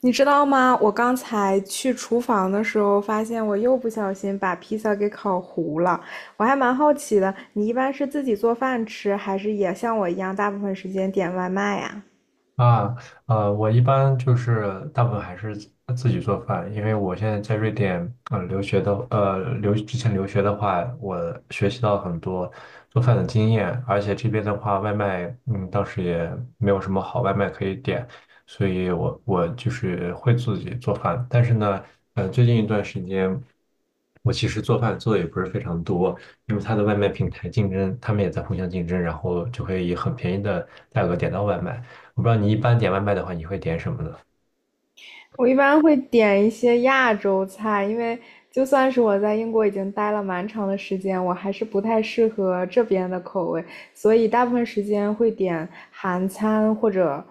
你知道吗？我刚才去厨房的时候，发现我又不小心把披萨给烤糊了。我还蛮好奇的，你一般是自己做饭吃，还是也像我一样，大部分时间点外卖呀？啊，我一般就是大部分还是自己做饭，因为我现在在瑞典，留学的，之前留学的话，我学习到很多做饭的经验，而且这边的话，外卖，嗯，当时也没有什么好外卖可以点，所以我就是会自己做饭，但是呢，最近一段时间，我其实做饭做的也不是非常多，因为它的外卖平台竞争，他们也在互相竞争，然后就会以很便宜的价格点到外卖。我不知道你一般点外卖的话，你会点什么呢？我一般会点一些亚洲菜，因为就算是我在英国已经待了蛮长的时间，我还是不太适合这边的口味，所以大部分时间会点韩餐或者，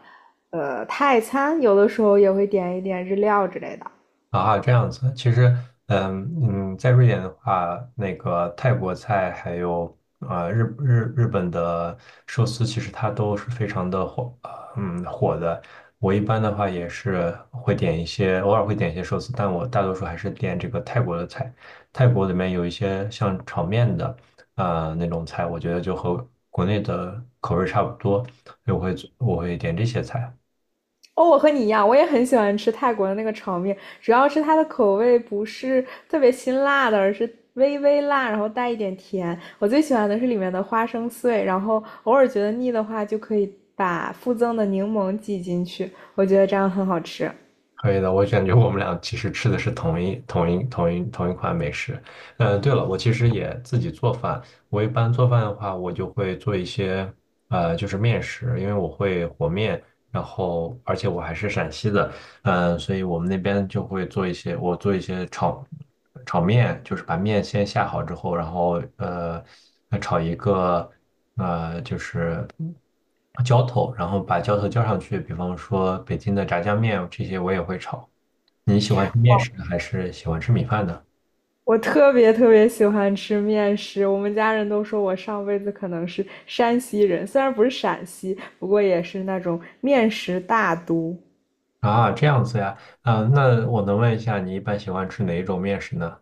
泰餐，有的时候也会点一点日料之类的。啊，这样子，其实，嗯嗯，在瑞典的话，那个泰国菜还有日本的寿司，其实它都是非常的火，火的。我一般的话也是会点一些，偶尔会点一些寿司，但我大多数还是点这个泰国的菜。泰国里面有一些像炒面的，那种菜，我觉得就和国内的口味差不多，所以我会点这些菜。哦，我和你一样，我也很喜欢吃泰国的那个炒面，主要是它的口味不是特别辛辣的，而是微微辣，然后带一点甜。我最喜欢的是里面的花生碎，然后偶尔觉得腻的话，就可以把附赠的柠檬挤进去，我觉得这样很好吃。可以的，我感觉我们俩其实吃的是同一款美食。嗯，对了，我其实也自己做饭。我一般做饭的话，我就会做一些就是面食，因为我会和面，然后而且我还是陕西的，嗯，所以我们那边就会做一些，我做一些炒面，就是把面先下好之后，然后炒一个浇头，然后把浇头浇上去，比方说北京的炸酱面这些我也会炒。你喜欢吃面食还是喜欢吃米饭呢？我特别特别喜欢吃面食，我们家人都说我上辈子可能是山西人，虽然不是陕西，不过也是那种面食大都。啊，这样子呀，啊，那我能问一下，你一般喜欢吃哪一种面食呢？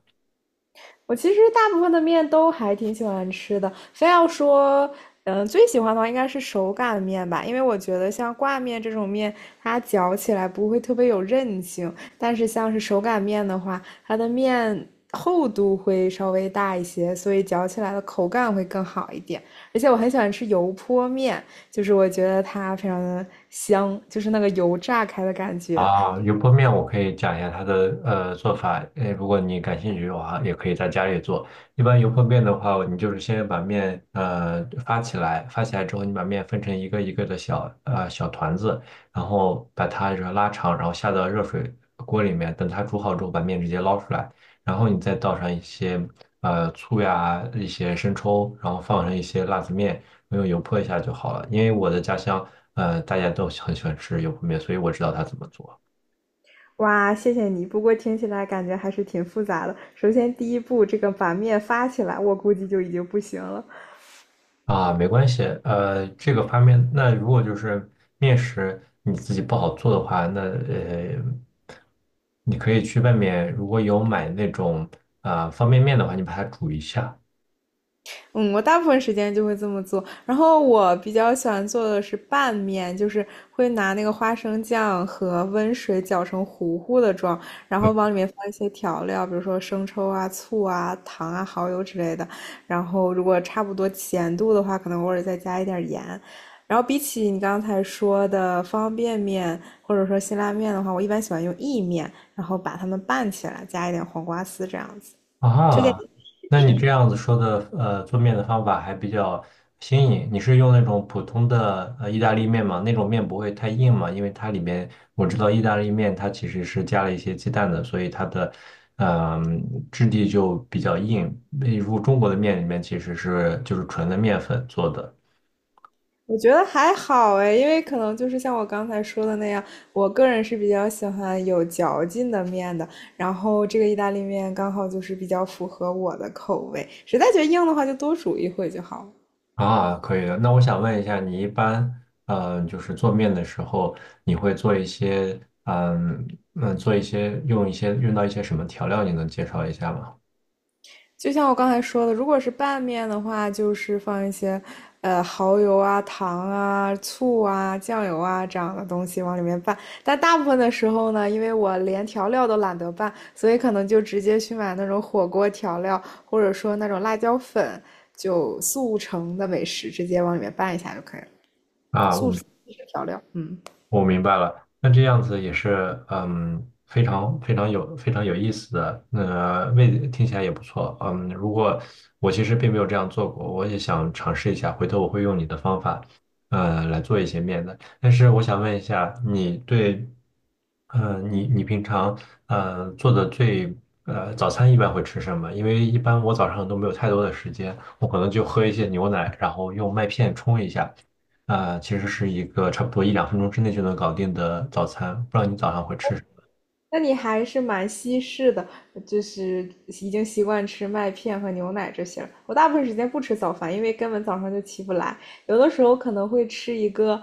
我其实大部分的面都还挺喜欢吃的，非要说，嗯，最喜欢的话应该是手擀面吧，因为我觉得像挂面这种面，它嚼起来不会特别有韧性，但是像是手擀面的话，它的面厚度会稍微大一些，所以嚼起来的口感会更好一点。而且我很喜欢吃油泼面，就是我觉得它非常的香，就是那个油炸开的感觉。啊，油泼面我可以讲一下它的做法，呃，如果你感兴趣的话，也可以在家里做。一般油泼面的话，你就是先把面发起来，发起来之后，你把面分成一个一个的小团子，然后把它就是拉长，然后下到热水锅里面，等它煮好之后，把面直接捞出来，然后你再倒上一些醋呀，一些生抽，然后放上一些辣子面。用油泼一下就好了。因为我的家乡，呃，大家都很喜欢吃油泼面，所以我知道它怎么做。哇，谢谢你。不过听起来感觉还是挺复杂的。首先，第一步，这个把面发起来，我估计就已经不行了。啊，没关系，这个方面，那如果就是面食你自己不好做的话，那你可以去外面，如果有买那种啊、方便面的话，你把它煮一下。嗯，我大部分时间就会这么做。然后我比较喜欢做的是拌面，就是会拿那个花生酱和温水搅成糊糊的状，然后往里面放一些调料，比如说生抽啊、醋啊、糖啊、蚝油之类的。然后如果差不多咸度的话，可能偶尔再加一点盐。然后比起你刚才说的方便面或者说辛拉面的话，我一般喜欢用意面，然后把它们拌起来，加一点黄瓜丝这样子。推荐啊，你试一那你试。这样子说的，做面的方法还比较新颖。你是用那种普通的意大利面吗？那种面不会太硬吗？因为它里面我知道意大利面它其实是加了一些鸡蛋的，所以它的嗯、质地就比较硬。那如中国的面里面其实是就是纯的面粉做的。我觉得还好哎，因为可能就是像我刚才说的那样，我个人是比较喜欢有嚼劲的面的。然后这个意大利面刚好就是比较符合我的口味，实在觉得硬的话就多煮一会就好了。啊，可以的。那我想问一下，你一般就是做面的时候，你会做一些嗯做一些用到一些什么调料？你能介绍一下吗？就像我刚才说的，如果是拌面的话，就是放一些，蚝油啊、糖啊、醋啊、酱油啊这样的东西往里面拌。但大部分的时候呢，因为我连调料都懒得拌，所以可能就直接去买那种火锅调料，或者说那种辣椒粉，就速成的美食直接往里面拌一下就可以了。啊，速食调料，嗯。我明白了，那这样子也是，嗯，非常有意思的，那、味听起来也不错，嗯，如果我其实并没有这样做过，我也想尝试一下，回头我会用你的方法，来做一些面的。但是我想问一下，你对，你平常做的早餐一般会吃什么？因为一般我早上都没有太多的时间，我可能就喝一些牛奶，然后用麦片冲一下。啊、其实是一个差不多一两分钟之内就能搞定的早餐。不知道你早上会吃什么？那你还是蛮西式的，就是已经习惯吃麦片和牛奶这些了。我大部分时间不吃早饭，因为根本早上就起不来。有的时候可能会吃一个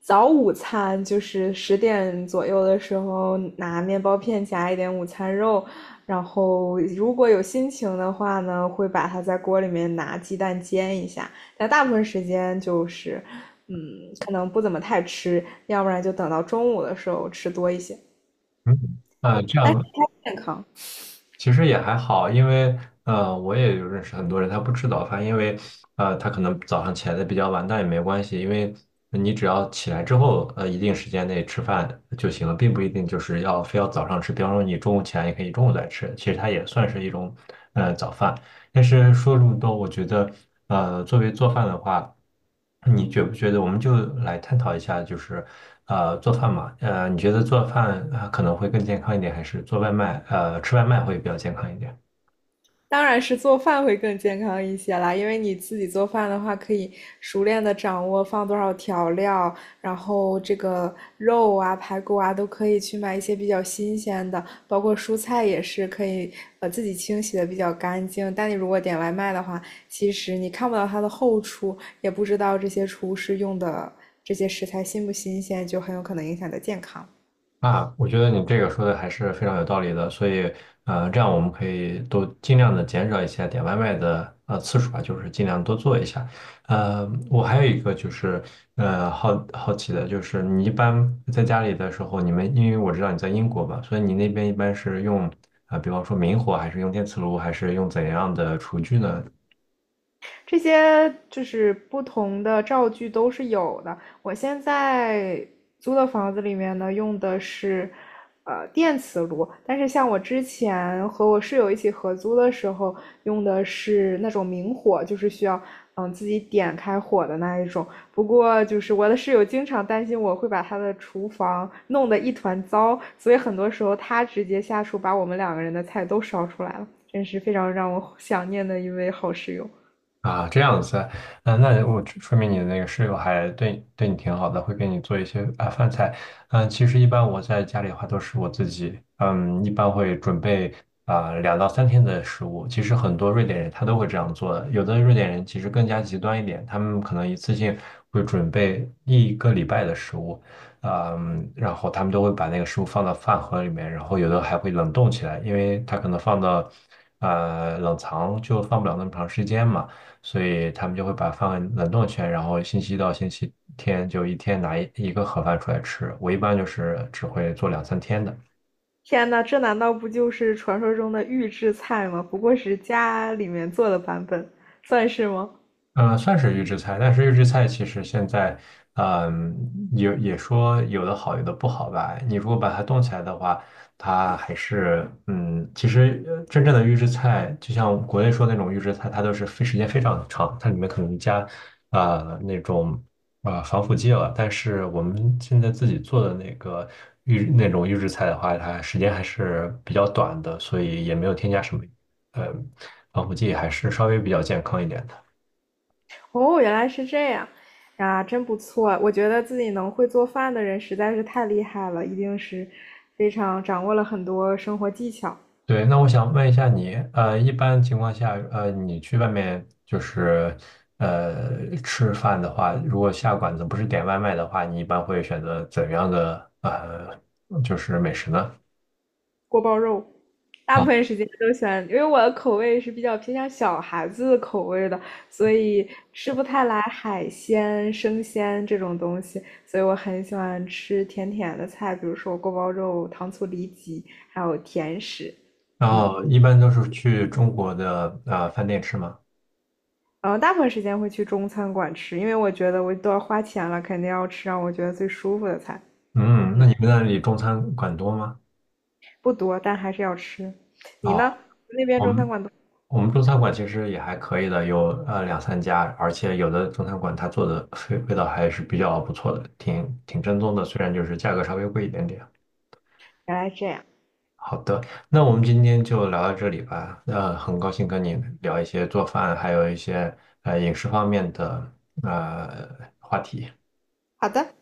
早午餐，就是10点左右的时候拿面包片夹一点午餐肉，然后如果有心情的话呢，会把它在锅里面拿鸡蛋煎一下。但大部分时间就是，嗯，可能不怎么太吃，要不然就等到中午的时候吃多一些。嗯，这但是样它健康。其实也还好，因为我也有认识很多人，他不吃早饭，因为他可能早上起来的比较晚，但也没关系，因为你只要起来之后，一定时间内吃饭就行了，并不一定就是要非要早上吃。比方说你中午起来也可以中午再吃，其实它也算是一种早饭。但是说这么多，我觉得，作为做饭的话，你觉不觉得我们就来探讨一下，就是，做饭嘛，你觉得做饭，可能会更健康一点，还是做外卖，吃外卖会比较健康一点？当然是做饭会更健康一些啦，因为你自己做饭的话，可以熟练的掌握放多少调料，然后这个肉啊、排骨啊都可以去买一些比较新鲜的，包括蔬菜也是可以自己清洗的比较干净。但你如果点外卖的话，其实你看不到它的后厨，也不知道这些厨师用的这些食材新不新鲜，就很有可能影响你的健康。啊，我觉得你这个说的还是非常有道理的，所以，这样我们可以都尽量的减少一些点外卖的次数吧，就是尽量多做一下。我还有一个就是，好奇的就是，你一般在家里的时候，你们因为我知道你在英国嘛，所以你那边一般是用啊、比方说明火，还是用电磁炉，还是用怎样的厨具呢？这些就是不同的灶具都是有的。我现在租的房子里面呢，用的是电磁炉，但是像我之前和我室友一起合租的时候，用的是那种明火，就是需要自己点开火的那一种。不过就是我的室友经常担心我会把他的厨房弄得一团糟，所以很多时候他直接下厨把我们两个人的菜都烧出来了，真是非常让我想念的一位好室友。啊，这样子啊。嗯、那我说明你的那个室友还对你挺好的，会给你做一些啊饭菜。嗯、其实一般我在家里的话都是我自己，嗯，一般会准备啊两到三天的食物。其实很多瑞典人他都会这样做的，有的瑞典人其实更加极端一点，他们可能一次性会准备一个礼拜的食物，嗯，然后他们都会把那个食物放到饭盒里面，然后有的还会冷冻起来，因为它可能放到冷藏就放不了那么长时间嘛。所以他们就会把饭冷冻起来，然后星期一到星期天就一天拿一个盒饭出来吃。我一般就是只会做两三天的。天呐，这难道不就是传说中的预制菜吗？不过是家里面做的版本，算是吗？嗯，算是预制菜，但是预制菜其实现在，嗯，也说有的好，有的不好吧。你如果把它冻起来的话，它还是，嗯，其实真正的预制菜，就像国内说那种预制菜，它都是非时间非常长，它里面可能加，呃，那种防腐剂了。但是我们现在自己做的那个预那种预制菜的话，它时间还是比较短的，所以也没有添加什么，呃，防腐剂，还是稍微比较健康一点的。哦，原来是这样。啊，真不错啊！我觉得自己能会做饭的人实在是太厉害了，一定是非常掌握了很多生活技巧。对，那我想问一下你，一般情况下，你去外面就是，吃饭的话，如果下馆子不是点外卖的话，你一般会选择怎样的就是美食呢？锅包肉。大部啊，分时间都喜欢，因为我的口味是比较偏向小孩子的口味的，所以吃不太来海鲜、生鲜这种东西，所以我很喜欢吃甜甜的菜，比如说锅包肉、糖醋里脊，还有甜食。然嗯，后一般都是去中国的饭店吃吗？然后大部分时间会去中餐馆吃，因为我觉得我都要花钱了，肯定要吃让我觉得最舒服的菜。嗯，嗯，那你们那里中餐馆多吗？不多，但还是要吃。你啊，呢？那边我中餐们馆都我们中餐馆其实也还可以的，有两三家，而且有的中餐馆它做的味道还是比较不错的，挺正宗的，虽然就是价格稍微贵一点点。原来这样。好的，那我们今天就聊到这里吧。很高兴跟你聊一些做饭，还有一些饮食方面的呃话题。好的。